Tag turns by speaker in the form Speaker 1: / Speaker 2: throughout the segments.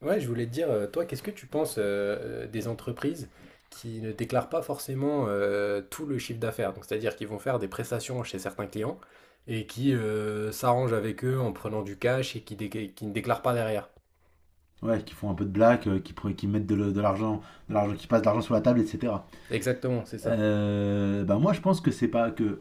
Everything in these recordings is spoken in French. Speaker 1: Ouais, je voulais te dire, toi, qu'est-ce que tu penses des entreprises qui ne déclarent pas forcément tout le chiffre d'affaires? Donc, c'est-à-dire qu'ils vont faire des prestations chez certains clients et qui s'arrangent avec eux en prenant du cash et qui, qui ne déclarent pas derrière.
Speaker 2: Ouais, qui font un peu de blague, qui mettent de l'argent, qui passent de l'argent sur la table, etc.
Speaker 1: Exactement, c'est ça.
Speaker 2: Bah moi, je pense que c'est pas que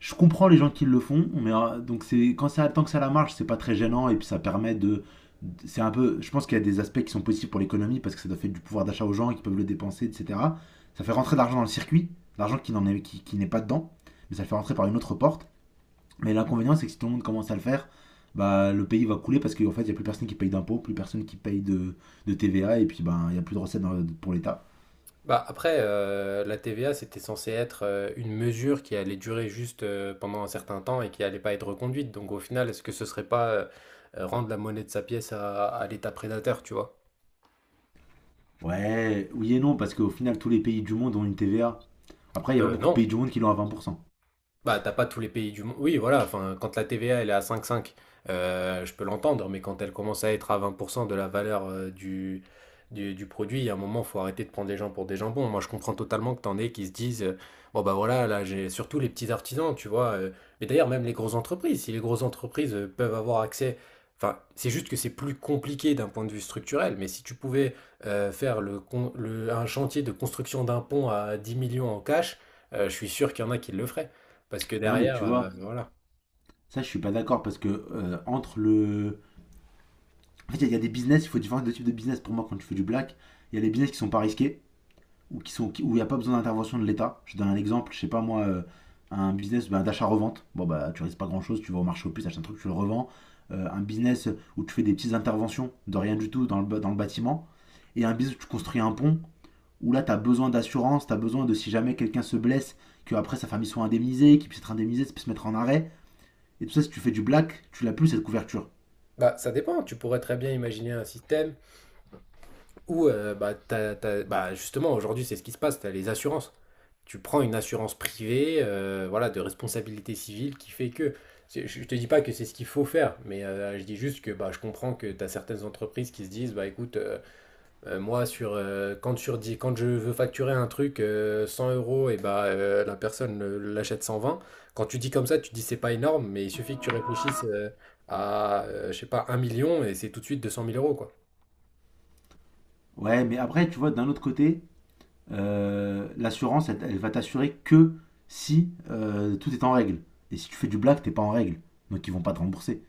Speaker 2: je comprends les gens qui le font, mais donc c'est quand ça tant que ça la marche, c'est pas très gênant et puis ça permet c'est un peu, je pense qu'il y a des aspects qui sont positifs pour l'économie parce que ça doit faire du pouvoir d'achat aux gens qui peuvent le dépenser, etc. Ça fait rentrer de l'argent dans le circuit, l'argent qui n'en est qui n'est pas dedans, mais ça le fait rentrer par une autre porte. Mais l'inconvénient, c'est que si tout le monde commence à le faire, bah, le pays va couler parce qu'en fait, il n'y a plus personne qui paye d'impôts, plus personne qui paye de TVA, et puis ben, il n'y a plus de recettes pour l'État.
Speaker 1: Bah, après, la TVA, c'était censé être une mesure qui allait durer juste pendant un certain temps et qui allait pas être reconduite. Donc, au final, est-ce que ce serait pas rendre la monnaie de sa pièce à l'État prédateur, tu vois?
Speaker 2: Ouais, oui et non, parce qu'au final, tous les pays du monde ont une TVA. Après, il n'y a pas beaucoup de
Speaker 1: Non.
Speaker 2: pays du monde qui l'ont à 20%.
Speaker 1: Bah, t'as pas tous les pays du monde. Oui, voilà, enfin, quand la TVA elle est à 5,5, je peux l'entendre, mais quand elle commence à être à 20% de la valeur du produit, il y a un moment, faut arrêter de prendre les gens pour des jambons. Moi, je comprends totalement que t'en aies qui se disent, bon, bah voilà, là, j'ai surtout les petits artisans, tu vois. Mais d'ailleurs, même les grosses entreprises, si les grosses entreprises peuvent avoir accès. Enfin, c'est juste que c'est plus compliqué d'un point de vue structurel, mais si tu pouvais faire le, con- le- un chantier de construction d'un pont à 10 millions en cash, je suis sûr qu'il y en a qui le feraient. Parce que
Speaker 2: Non, mais
Speaker 1: derrière,
Speaker 2: tu vois,
Speaker 1: voilà.
Speaker 2: ça, je suis pas d'accord parce que entre le. En fait, il y a des business, il faut différents types de business. Pour moi, quand tu fais du black, il y a les business qui sont pas risqués, ou qui sont, où il n'y a pas besoin d'intervention de l'État. Je donne un exemple, je sais pas moi, un business bah, d'achat-revente. Bon, bah, tu risques pas grand-chose, tu vas au marché aux puces, achètes un truc, tu le revends. Un business où tu fais des petites interventions de rien du tout dans le bâtiment. Et un business où tu construis un pont, où là, tu as besoin d'assurance, tu as besoin de si jamais quelqu'un se blesse, que après sa famille soit indemnisée, qu'il puisse être indemnisé, qu'il puisse se mettre en arrêt. Et tout ça, si tu fais du black, tu l'as plus cette couverture.
Speaker 1: Bah, ça dépend, tu pourrais très bien imaginer un système où, bah, t'as, as bah, justement, aujourd'hui, c'est ce qui se passe, tu as les assurances. Tu prends une assurance privée, voilà, de responsabilité civile qui fait que c'est je ne te dis pas que c'est ce qu'il faut faire, mais, je dis juste que, bah, je comprends que tu as certaines entreprises qui se disent: «Bah, écoute, moi, sur, quand, quand je veux facturer un truc 100 euros, et bah, la personne l'achète 120. Quand tu dis comme ça, tu dis c'est pas énorme, mais il suffit que tu réfléchisses à, je sais pas, un million et c'est tout de suite 200 000 euros, quoi.
Speaker 2: Ouais, mais après, tu vois, d'un autre côté, l'assurance, elle, elle va t'assurer que si tout est en règle. Et si tu fais du black, t'es pas en règle. Donc ils vont pas te rembourser.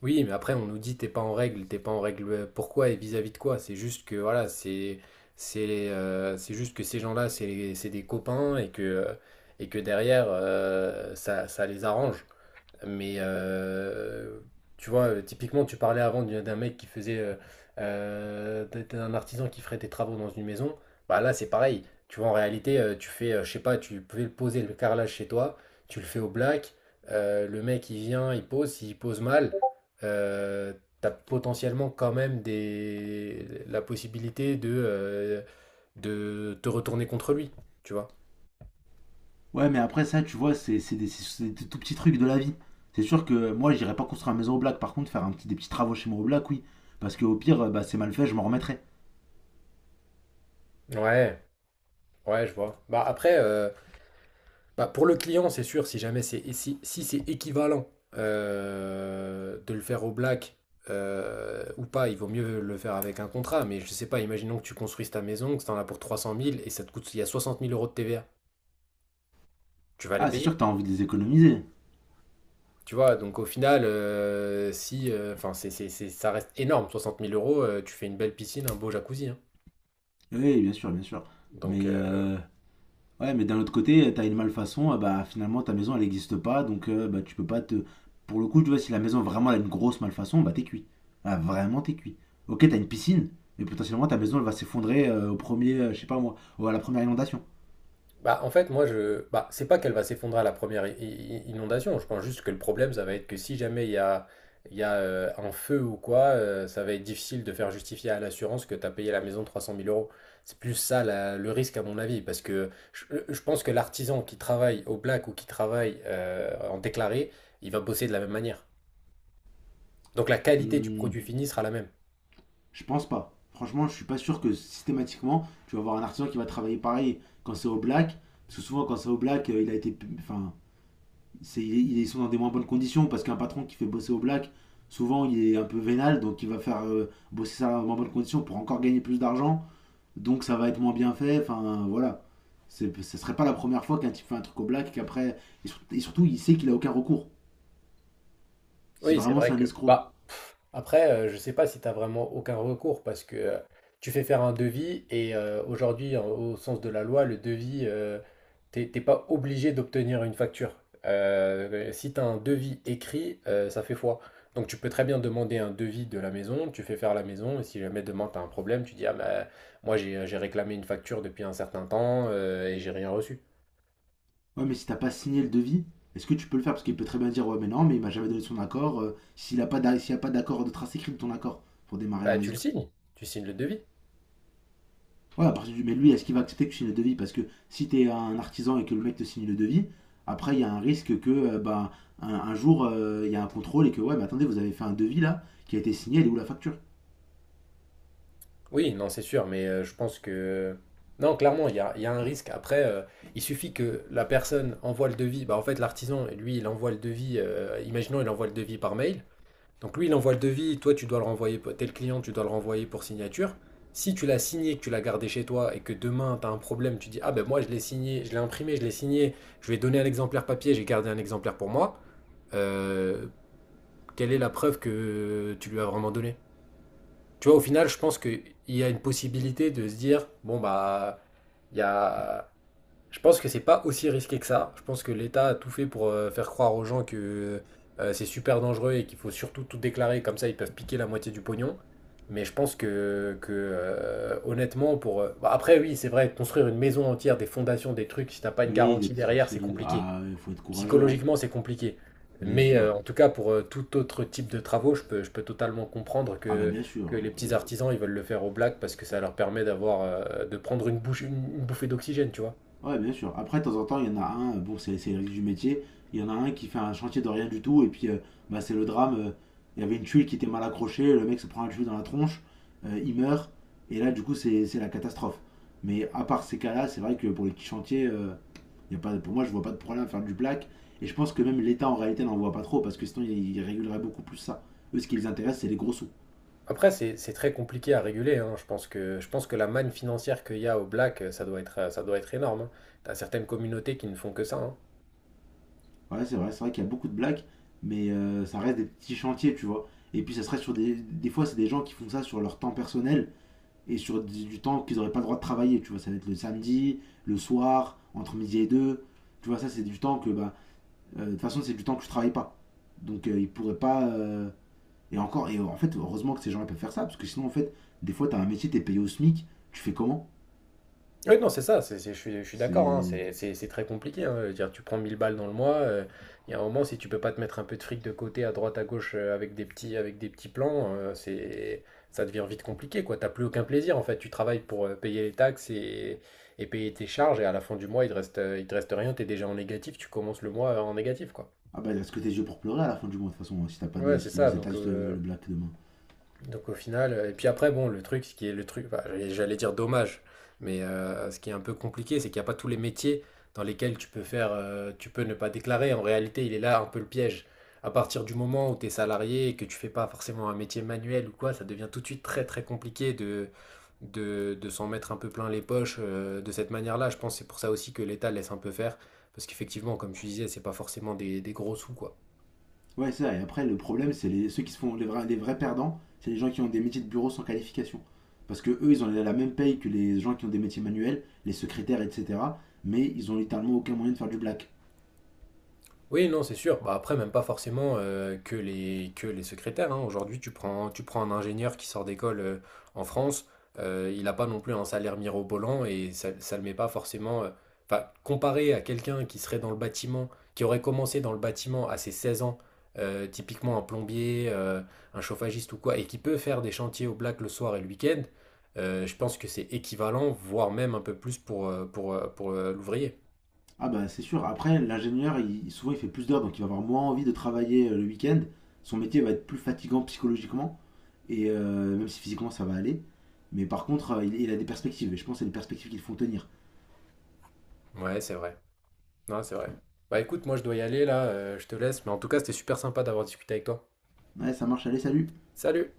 Speaker 1: Oui, mais après, on nous dit t'es pas en règle, t'es pas en règle. Pourquoi et vis-à-vis de quoi? C'est juste que, voilà, c'est juste que ces gens-là, c'est des copains et que derrière, ça, ça les arrange. Mais tu vois, typiquement, tu parlais avant d'un mec qui faisait, d'un artisan qui ferait des travaux dans une maison. Bah là, c'est pareil. Tu vois, en réalité, tu fais, je sais pas, tu peux le poser le carrelage chez toi, tu le fais au black. Le mec, il vient, il pose. S'il pose mal, euh, t'as potentiellement quand même la possibilité de te retourner contre lui. Tu vois.
Speaker 2: Ouais, mais après ça, tu vois, c'est des tout petits trucs de la vie. C'est sûr que moi, j'irai pas construire une maison au black. Par contre, faire un petit, des petits travaux chez moi au black, oui. Parce que au pire, bah, c'est mal fait, je m'en remettrai.
Speaker 1: Ouais, ouais, je vois. Bah après, bah, pour le client, c'est sûr, si jamais c'est si c'est équivalent de le faire au black ou pas, il vaut mieux le faire avec un contrat. Mais je sais pas, imaginons que tu construises ta maison, que tu en as pour 300 000 et ça te coûte, il y a 60 000 € de TVA. Tu vas les
Speaker 2: Ah, c'est sûr que
Speaker 1: payer?
Speaker 2: t'as envie de les économiser.
Speaker 1: Tu vois, donc au final, si, enfin, ça reste énorme, soixante mille euros, tu fais une belle piscine, un beau jacuzzi, hein.
Speaker 2: Oui, bien sûr, bien sûr.
Speaker 1: Donc,
Speaker 2: Mais ouais, mais d'un autre côté, t'as une malfaçon, bah finalement ta maison elle n'existe pas, donc bah tu peux pas te. Pour le coup, tu vois, si la maison vraiment elle a une grosse malfaçon, bah t'es cuit. Ah, vraiment t'es cuit. Ok, t'as une piscine, mais potentiellement ta maison elle va s'effondrer au premier, je sais pas moi, ou à la première inondation.
Speaker 1: bah, en fait, moi, je. Bah, c'est pas qu'elle va s'effondrer à la première inondation. Je pense juste que le problème, ça va être que si jamais il y a un feu ou quoi, ça va être difficile de faire justifier à l'assurance que tu as payé la maison trois cent mille euros. C'est plus ça le risque, à mon avis. Parce que je pense que l'artisan qui travaille au black ou qui travaille en déclaré, il va bosser de la même manière. Donc la qualité du
Speaker 2: Hmm,
Speaker 1: produit fini sera la même.
Speaker 2: je pense pas. Franchement, je suis pas sûr que systématiquement tu vas avoir un artisan qui va travailler pareil quand c'est au black, parce que souvent quand c'est au black, il a été. Enfin, ils sont dans des moins bonnes conditions parce qu'un patron qui fait bosser au black, souvent il est un peu vénal, donc il va faire bosser ça dans moins bonnes conditions pour encore gagner plus d'argent, donc ça va être moins bien fait, enfin voilà. Ce serait pas la première fois qu'un type fait un truc au black qu'après. Et surtout, il sait qu'il a aucun recours. Si
Speaker 1: Oui, c'est
Speaker 2: vraiment
Speaker 1: vrai
Speaker 2: c'est un
Speaker 1: que.
Speaker 2: escroc.
Speaker 1: Bah, après, je sais pas si tu n'as vraiment aucun recours parce que tu fais faire un devis et aujourd'hui, au sens de la loi, le devis, t'es pas obligé d'obtenir une facture. Si tu as un devis écrit, ça fait foi. Donc tu peux très bien demander un devis de la maison, tu fais faire la maison et si jamais demain tu as un problème, tu dis: Ah bah, moi j'ai réclamé une facture depuis un certain temps et j'ai rien reçu.
Speaker 2: Ouais, mais si t'as pas signé le devis, est-ce que tu peux le faire? Parce qu'il peut très bien dire: «Ouais, mais non, mais il m'a jamais donné son accord.» S'il a pas d'accord de trace écrite de ton accord pour démarrer la
Speaker 1: Bah tu le
Speaker 2: maison.
Speaker 1: signes, tu signes le devis.
Speaker 2: Ouais, à partir du. Mais lui, est-ce qu'il va accepter que tu signes le devis? Parce que si t'es un artisan et que le mec te signe le devis, après, il y a un risque que, bah, un jour, il y a un contrôle et que, ouais, mais attendez, vous avez fait un devis là, qui a été signé, elle est où la facture?
Speaker 1: Oui, non, c'est sûr, mais je pense que... Non, clairement, il y a un risque. Après, il suffit que la personne envoie le devis. Bah, en fait, l'artisan, lui, il envoie le devis. Imaginons, il envoie le devis par mail. Donc lui, il envoie le devis. Toi, tu dois le renvoyer. Tel client, tu dois le renvoyer pour signature. Si tu l'as signé, que tu l'as gardé chez toi et que demain, tu as un problème, tu dis, ah ben moi, je l'ai signé, je l'ai imprimé, je l'ai signé, je vais donner un exemplaire papier, j'ai gardé un exemplaire pour moi. Euh, Quelle est la preuve que tu lui as vraiment donné? Tu vois, au final, je pense qu'il y a une possibilité de se dire, bon, bah, il y a... Je pense que c'est pas aussi risqué que ça. Je pense que l'État a tout fait pour faire croire aux gens que c'est super dangereux et qu'il faut surtout tout déclarer, comme ça ils peuvent piquer la moitié du pognon. Mais je pense que, honnêtement, pour... bah, après, oui, c'est vrai, construire une maison entière, des fondations, des trucs, si t'as pas une
Speaker 2: Oui, des
Speaker 1: garantie
Speaker 2: trucs
Speaker 1: derrière, c'est
Speaker 2: solides.
Speaker 1: compliqué.
Speaker 2: Ah, il faut être courageux, hein.
Speaker 1: Psychologiquement, c'est compliqué.
Speaker 2: Bien
Speaker 1: Mais
Speaker 2: sûr.
Speaker 1: en tout cas, pour tout autre type de travaux, je peux totalement comprendre
Speaker 2: Ah, bah, bien
Speaker 1: que
Speaker 2: sûr.
Speaker 1: les petits
Speaker 2: Oui.
Speaker 1: artisans, ils veulent le faire au black parce que ça leur permet d'avoir, de prendre une bouche, une bouffée d'oxygène, tu vois.
Speaker 2: Ouais, bien sûr. Après, de temps en temps, il y en a un, bon, c'est le risque du métier, il y en a un qui fait un chantier de rien du tout, et puis bah, c'est le drame. Il y avait une tuile qui était mal accrochée, le mec se prend la tuile dans la tronche, il meurt, et là, du coup, c'est la catastrophe. Mais à part ces cas-là, c'est vrai que pour les petits chantiers, il y a pas, pour moi, je vois pas de problème à faire du black, et je pense que même l'État, en réalité, n'en voit pas trop, parce que sinon, il régulerait beaucoup plus ça. Eux, ce qui les intéresse, c'est les gros sous.
Speaker 1: Après, c'est très compliqué à réguler, hein. Je pense que je pense que, la manne financière qu'il y a au black, ça doit être énorme, hein. T'as certaines communautés qui ne font que ça, hein.
Speaker 2: Ouais, c'est vrai qu'il y a beaucoup de blagues, mais ça reste des petits chantiers, tu vois. Et puis ça serait sur des. Des fois, c'est des gens qui font ça sur leur temps personnel et sur du temps qu'ils n'auraient pas le droit de travailler, tu vois. Ça va être le samedi, le soir, entre midi et deux. Tu vois, ça, c'est du temps que. Bah, de toute façon, c'est du temps que je travaille pas. Donc, ils pourraient pas. Et encore, et en fait, heureusement que ces gens-là peuvent faire ça, parce que sinon, en fait, des fois, t'as un métier, t'es payé au SMIC, tu fais comment?
Speaker 1: Oui, non, c'est ça, je suis d'accord, hein,
Speaker 2: C'est.
Speaker 1: c'est très compliqué, hein, je veux dire, tu prends 1 000 balles dans le mois, il y a un moment, si tu peux pas te mettre un peu de fric de côté, à droite, à gauche, avec avec des petits plans, ça devient vite compliqué, quoi. T'as plus aucun plaisir, en fait. Tu travailles pour payer les taxes et payer tes charges, et à la fin du mois, il te reste rien, t'es déjà en négatif, tu commences le mois en négatif, quoi.
Speaker 2: Ah bah, est-ce que tes yeux pour pleurer à la fin du mois, de toute façon, hein, si t'as pas
Speaker 1: Ouais,
Speaker 2: de.
Speaker 1: c'est
Speaker 2: Si
Speaker 1: ça,
Speaker 2: les
Speaker 1: donc...
Speaker 2: interdisent le black demain.
Speaker 1: Donc au final, et puis après, bon, le truc, ce qui est le truc, bah, j'allais dire dommage, mais ce qui est un peu compliqué, c'est qu'il n'y a pas tous les métiers dans lesquels tu peux faire, tu peux ne pas déclarer. En réalité, il est là un peu le piège. À partir du moment où tu es salarié et que tu fais pas forcément un métier manuel ou quoi, ça devient tout de suite très très compliqué de s'en mettre un peu plein les poches de cette manière-là. Je pense que c'est pour ça aussi que l'État laisse un peu faire, parce qu'effectivement, comme tu disais, c'est pas forcément des gros sous, quoi.
Speaker 2: Ouais, c'est ça. Et après, le problème, c'est les, ceux qui se font les vrais perdants, c'est les gens qui ont des métiers de bureau sans qualification. Parce que eux, ils ont la même paye que les gens qui ont des métiers manuels, les secrétaires, etc. Mais ils ont littéralement aucun moyen de faire du black.
Speaker 1: Oui, non, c'est sûr. Bah, après, même pas forcément que les secrétaires, hein. Aujourd'hui, tu prends un ingénieur qui sort d'école en France, il n'a pas non plus un salaire mirobolant et ça ne le met pas forcément. Enfin, comparé à quelqu'un qui serait dans le bâtiment, qui aurait commencé dans le bâtiment à ses 16 ans, typiquement un plombier, un chauffagiste ou quoi, et qui peut faire des chantiers au black le soir et le week-end, je pense que c'est équivalent, voire même un peu plus pour l'ouvrier.
Speaker 2: Ah bah c'est sûr. Après, l'ingénieur, souvent, il fait plus d'heures, donc il va avoir moins envie de travailler le week-end. Son métier va être plus fatigant psychologiquement, et même si physiquement ça va aller. Mais par contre, il a des perspectives, et je pense que c'est des perspectives qu'ils font tenir.
Speaker 1: Ouais, c'est vrai. Non, c'est vrai. Bah écoute, moi je dois y aller là, je te laisse, mais en tout cas c'était super sympa d'avoir discuté avec toi.
Speaker 2: Ouais, ça marche, allez, salut.
Speaker 1: Salut!